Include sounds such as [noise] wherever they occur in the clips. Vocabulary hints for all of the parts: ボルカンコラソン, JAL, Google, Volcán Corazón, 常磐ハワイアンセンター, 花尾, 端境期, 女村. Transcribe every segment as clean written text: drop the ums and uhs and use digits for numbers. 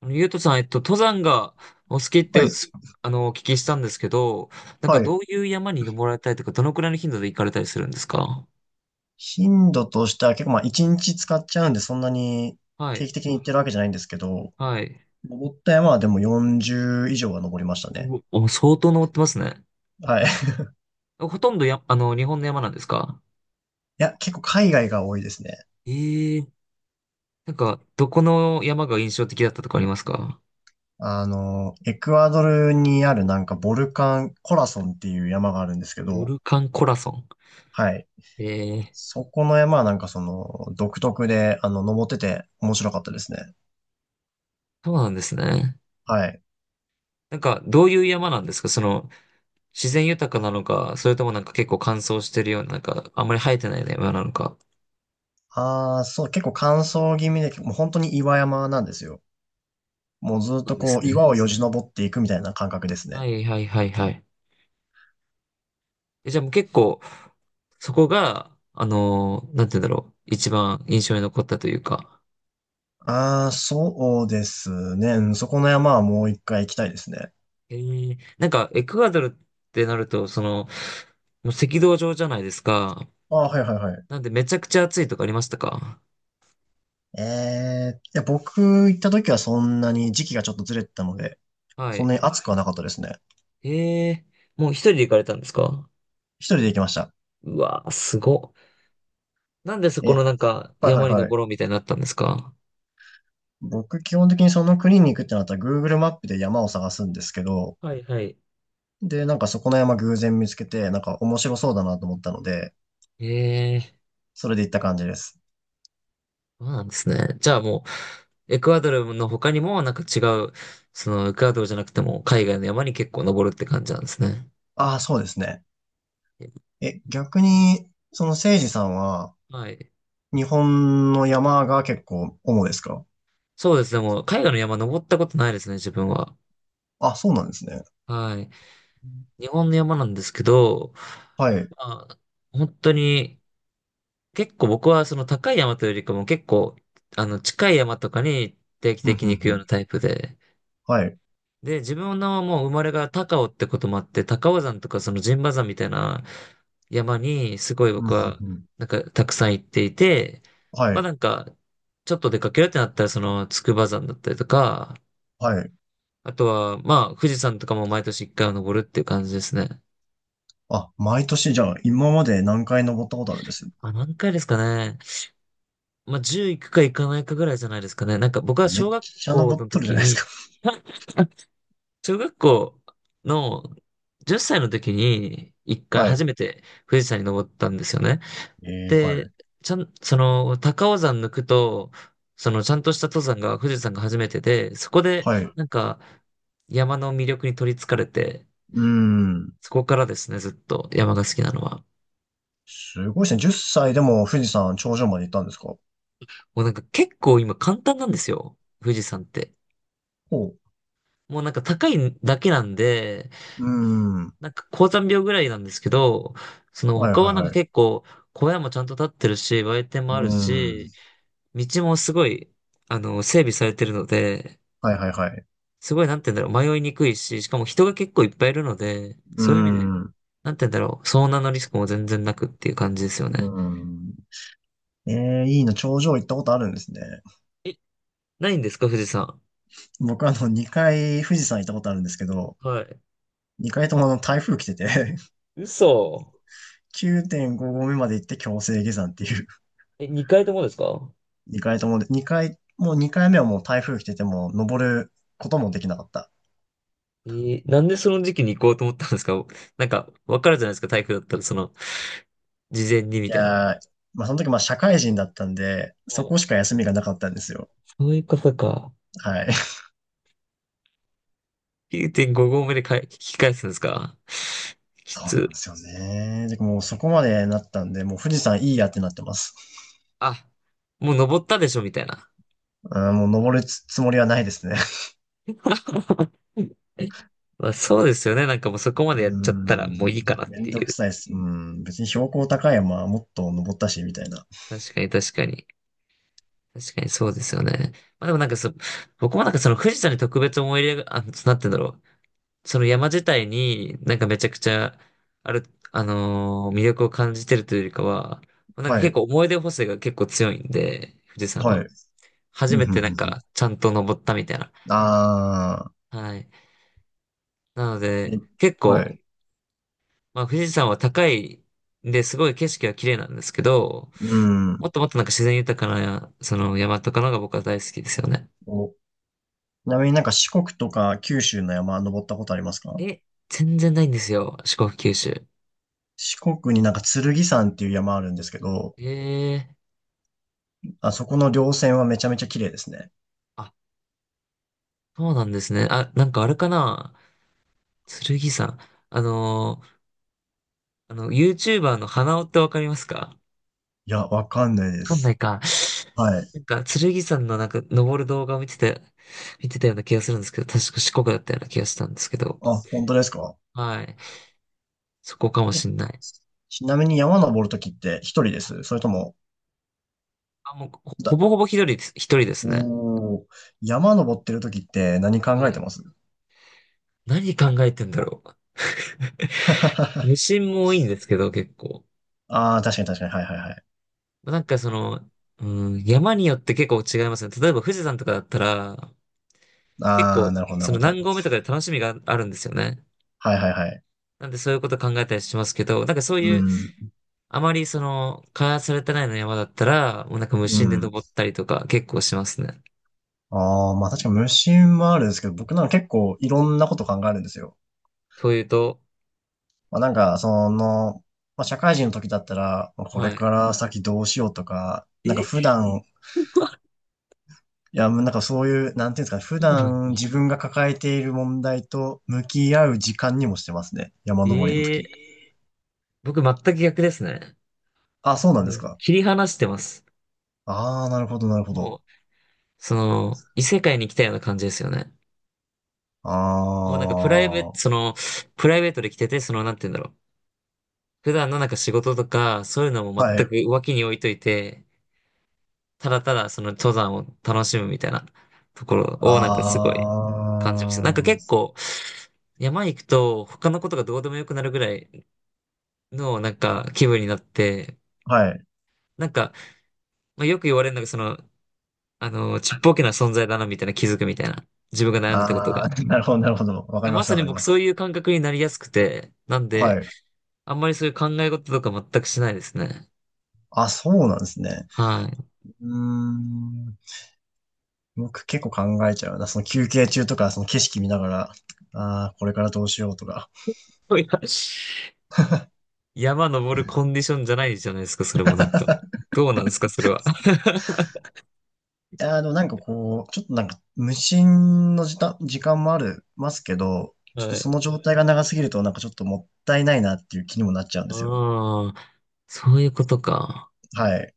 ゆうとさん、登山がお好きっはい。て、お聞きしたんですけど、なんかはどい。ういう山に登られたりとか、どのくらいの頻度で行かれたりするんですか？頻度としては結構まあ1日使っちゃうんでそんなには定い、期的に行ってるわけじゃないんですけど、はい。登った山はでも40以上は登りましたね。お相当登ってますね。はい。[laughs] いほとんど日本の山なんですか？や、結構海外が多いですね。ええ。なんか、どこの山が印象的だったとかありますか？あの、エクアドルにあるなんかボルカン、コラソンっていう山があるんですけボど、ルカンコラソン。はい。ええ。そこの山はなんかその独特で、あの、登ってて面白かったですね。そうなんですね。はい。なんか、どういう山なんですか？自然豊かなのか、それともなんか結構乾燥してるような、なんか、あんまり生えてないような山なのか。ああ、そう、結構乾燥気味で、もう本当に岩山なんですよ。もうそずっうなんとでこすう、ね。岩をよじ登っていくみたいな感覚ですはね。いはいはいはい。え、じゃあもう結構、そこが、なんて言うんだろう。一番印象に残ったというか。ああ、そうですね。うん、そこの山はもう一回行きたいですね。なんか、エクアドルってなると、その、もう赤道上じゃないですか。ああ、はいはいはい。なんでめちゃくちゃ暑いとかありましたか？ええ、いや、僕行った時はそんなに時期がちょっとずれてたので、はそんなにい。暑くはなかったですね。えもう一人で行かれたんですか？一人で行きました。うわー、すごっ。なんでそこえ、のなんか、はいはい山にはい。登ろうみたいになったんですか？僕基本的にその国に行くってなったら Google マップで山を探すんですけど、はいはい。で、なんかそこの山偶然見つけて、なんか面白そうだなと思ったので、えーそれで行った感じです。そうなんですね。じゃあもう、エクアドルの他にもなんか違う、そのエクアドルじゃなくても海外の山に結構登るって感じなんですね。ああ、そうですね。え、逆に、その誠司さんは、はい。日本の山が結構主ですか？そうですね。もう海外の山登ったことないですね、自分は。あ、そうなんですね。はい。日本の山なんですけど、はい。まあ、本当に、結構僕はその高い山というよりかも結構、近い山とかに定期ふん的ふにん行くふようなん。タイプで、はい。で、自分のもう生まれが高尾ってこともあって、高尾山とかその陣馬山みたいな山にすごいふん僕ふんはふん。なんかたくさん行っていて、はまあい。なんかちょっと出かけるってなったらその筑波山だったりとか、はい。あとはまあ富士山とかも毎年一回は登るっていう感じですね。あ、毎年じゃあ、今まで何回登ったことあるんです？あ、何回ですかね。まあ10行くか行かないかぐらいじゃないですかね。なんか僕はめっ小学ちゃ校登っのとるじ時ゃないですに、か。[laughs] あ、小学校の10歳の時に一 [laughs] 回は初い。めて富士山に登ったんですよね。えー、はで、い。ちゃん、その、高尾山抜くと、その、ちゃんとした登山が富士山が初めてで、そこで、はい。うなんか、山の魅力に取り憑かれて、ーん。そこからですね、ずっと山が好きなのは。すごいですね。10歳でも富士山頂上まで行ったんですか？もうなんか結構今簡単なんですよ、富士山って。ほもうなんか高いだけなんで、う。うーん。なんか高山病ぐらいなんですけど、そのはいは他はいなんかはい。結構小屋もちゃんと建ってるし、売店うもあるーん。し、道もすごい、整備されてるので、はいはいはい。すごい、なんて言うんだろう、迷いにくいし、しかも人が結構いっぱいいるので、うーそういう意味で、ん。うなんて言うんだろう、遭難のリスクも全然なくっていう感じですよね。ーん。ええ、いいな、頂上行ったことあるんですね。え、ないんですか、富士山？僕あの、2回富士山行ったことあるんですけど、はい。2回ともあの、台風来てて嘘。9.5 [laughs] 合目まで行って強制下山っていう。え、2回ともですか？2回ともで、2回、もう2回目はもう台風来てても、登ることもできなかった。なんでその時期に行こうと思ったんですか？なんか、わかるじゃないですか、台風だったら、その、事前にみいたいな。やー、まあその時まあ社会人だったんで、はそい。こしか休みがなかったんですよ。そういうことか。はい。[laughs] 9.5合目でかえ、引き返すんですか？きそうなつ。んですよね。で、もうそこまでなったんで、もう富士山いいやってなってます。あ、もう登ったでしょ、みたいな。うん、もう登るつつもりはないですね。[laughs] まあそうですよね。なんかもうそこまうーでやっちゃったらもういん、いかなっめてんどいくう。さいです。うん、別に標高高い山はもっと登ったし、みたいな。確かに確かに。確かにそうですよね。まあでもなんか僕もなんかその富士山に特別思い入れが、あ、なんて言うんだろう。その山自体になんかめちゃくちゃ、ある、魅力を感じてるというよりかは、なんかは結い、構思い出補正が結構強いんで、富士山はい。は。う初ん、めふんてふなんんふん。かちゃんと登ったみたいな。あはい。なのー、で、え、結は構い。まあ、富士山は高いんで、すごい景色は綺麗なんですけど、うん。もっともっとなんか自然豊かな、その山とかのが僕は大好きですよね。お、ちなみになんか四国とか九州の山登ったことありますか？え、全然ないんですよ、四国九州。四国になんか剣山っていう山あるんですけど、ええ。あそこの稜線はめちゃめちゃ綺麗ですね。あ、そうなんですね。あ、なんかあれかな、剣山。あのーYouTuber の花尾ってわかりますか？わいや、わかんないでかんないす。か。はい。なんか、剣山のなんか、登る動画を見てて、見てたような気がするんですけど、確か四国だったような気がしたんですけど。あ、本当ですか？はい。そこかもえ、しんない。ちなみに山登るときって一人です？それとも、あ、もう、ほぼほぼ一人です、一人ですね。おー、山登ってる時って何考はえてい。ます？何考えてんだろう。無心も多いんですけど、結構。ああー、確かに確かに。はいはいはい。なんかその、うん、山によって結構違いますね。例えば富士山とかだったら、結ああ、構、なるほどなそるのほど。何合目とかで楽しみがあるんですよね。はいはいはい。なんでそういうこと考えたりしますけど、なんかそうういう、ん。あまりその、開発されてないの山だったら、もうなんか無う心でん。登ったりとか結構しますね。ああ、まあ確かに無心はあるんですけど、僕なんか結構いろんなこと考えるんですよ。というと、まあなんか、その、まあ社会人の時だったら、まあこれはかい。ら先どうしようとか、なんか普え、段、いや、もうなんかそういう、なんていうんですかね、普そうなん段自だ。分が抱えている問題と向き合う時間にもしてますね。山登りのええ。時。僕全く逆ですね。あ、そうなんですか。切り離してます。ああ、なるほど、なるほもど。う、その、異世界に来たような感じですよね。あもうなんかあ、はプライベートで来てて、その、なんて言うんだろう。普段のなんか仕事とか、そういうのも全い。く脇に置いといて、ただただその登山を楽しむみたいなところあをなんかすごい感じます。なんか結あ、構山行くと他のことがどうでもよくなるぐらいのなんか気分になって、はい。なんか、まあ、よく言われるのがその、ちっぽけな存在だなみたいな気づくみたいな。自分が悩んでたことが。ああ、[laughs] なるほど、なるほど。わかや、りまます、さわにかり僕まそうす。いう感覚になりやすくて、なんはで、い。あんまりそういう考え事とか全くしないですね。あ、そうなんですね。はい。うーん。僕結構考えちゃうな。その休憩中とか、その景色見ながら、ああ、これからどうしようとか。[laughs] いや山登るコンディションじゃないじゃないですか、それもなんか。どうなんですか、それは。[laughs] いやー、でもなんかこう、ちょっとなんか無心の時間、時間もある、ますけど、ちょっはとそい。の状態が長すぎるとなんかちょっともったいないなっていう気にもなっちゃうんですよ。ああ、そういうことか。はい。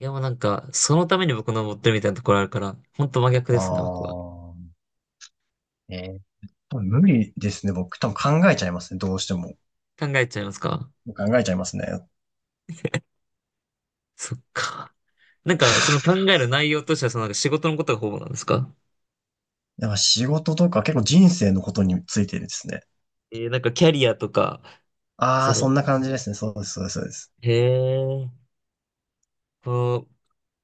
いや、もうなんか、そのために僕登ってるみたいなところあるから、ほんと真逆あですね、僕は。あ。えー、多分無理ですね。僕多分考えちゃいますね。どうしても。考えちゃいますか？考えちゃいますね。そっか。なんか、その考 [laughs] える内容としては、そのなんか仕事のことがほぼなんですか？だか仕事とか結構人生のことについてですね。なんかキャリアとか、あそあ、その、んな感じですね。そうです、そうです、そうです。へえ。こう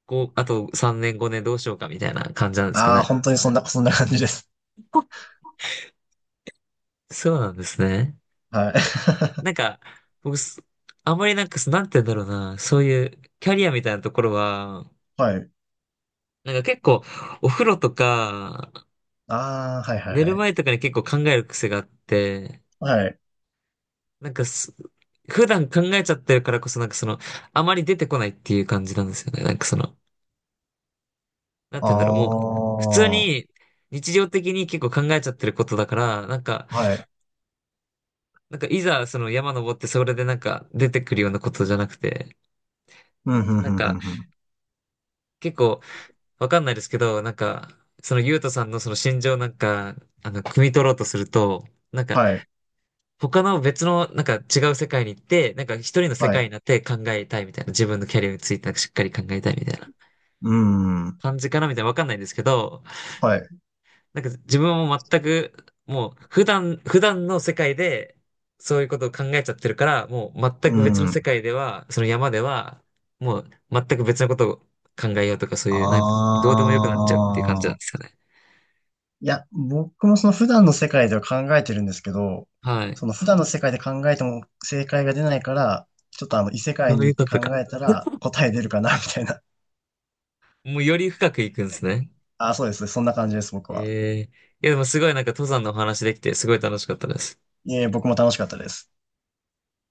こう、あと3年5年どうしようかみたいな感じなんですかああ、ね。本当にそんな、[laughs] そんな感じです。こそうなんですね。はい。なんか、僕、あんまりなんか、なんて言うんだろうな、そういうキャリアみたいなところは、[laughs] はい。なんか結構、お風呂とか、ああ、はい、はい、寝はるい。前とかに結構考える癖があって、はい。なんか、普段考えちゃってるからこそなんかその、あまり出てこないっていう感じなんですよね。なんかその、なんあて言うんだろう、もう、普通あ、はに、日常的に結構考えちゃってることだから、なんか、い。なんかいざその山登ってそれでなんか出てくるようなことじゃなくて、うん、うん、うなんん、うかん、うん。結構わかんないですけど、なんかそのゆうとさんのその心情なんか、汲み取ろうとすると、なんかはい、他の別のなんか違う世界に行って、なんか一人の世は界にい。なって考えたいみたいな、自分のキャリアについてなんかしっかり考えたいみたいなうん、感じかなみたいなわかんないんですけど、はい。なんか自分はもう全く、もう普段の世界でそういうことを考えちゃってるから、もう全うく別の世ん。界では、その山では、もう全く別のことを考えようとかそういう、なんかあどうでもよくなっちゃうっていう感じなんですあ。よね。いや、僕もその普段の世界では考えてるんですけど、はい。その普段の世界で考えても正解が出ないから、ちょっとああ、の異世そ界うにい行うってこ考とか。えたら [laughs] 答え出るかな、みたいな。もうより深くいくんですね。あ、そうです。そんな感じです、僕は。ええ。いやでもすごいなんか登山のお話できてすごい楽しかったです。いえ、僕も楽しかったです。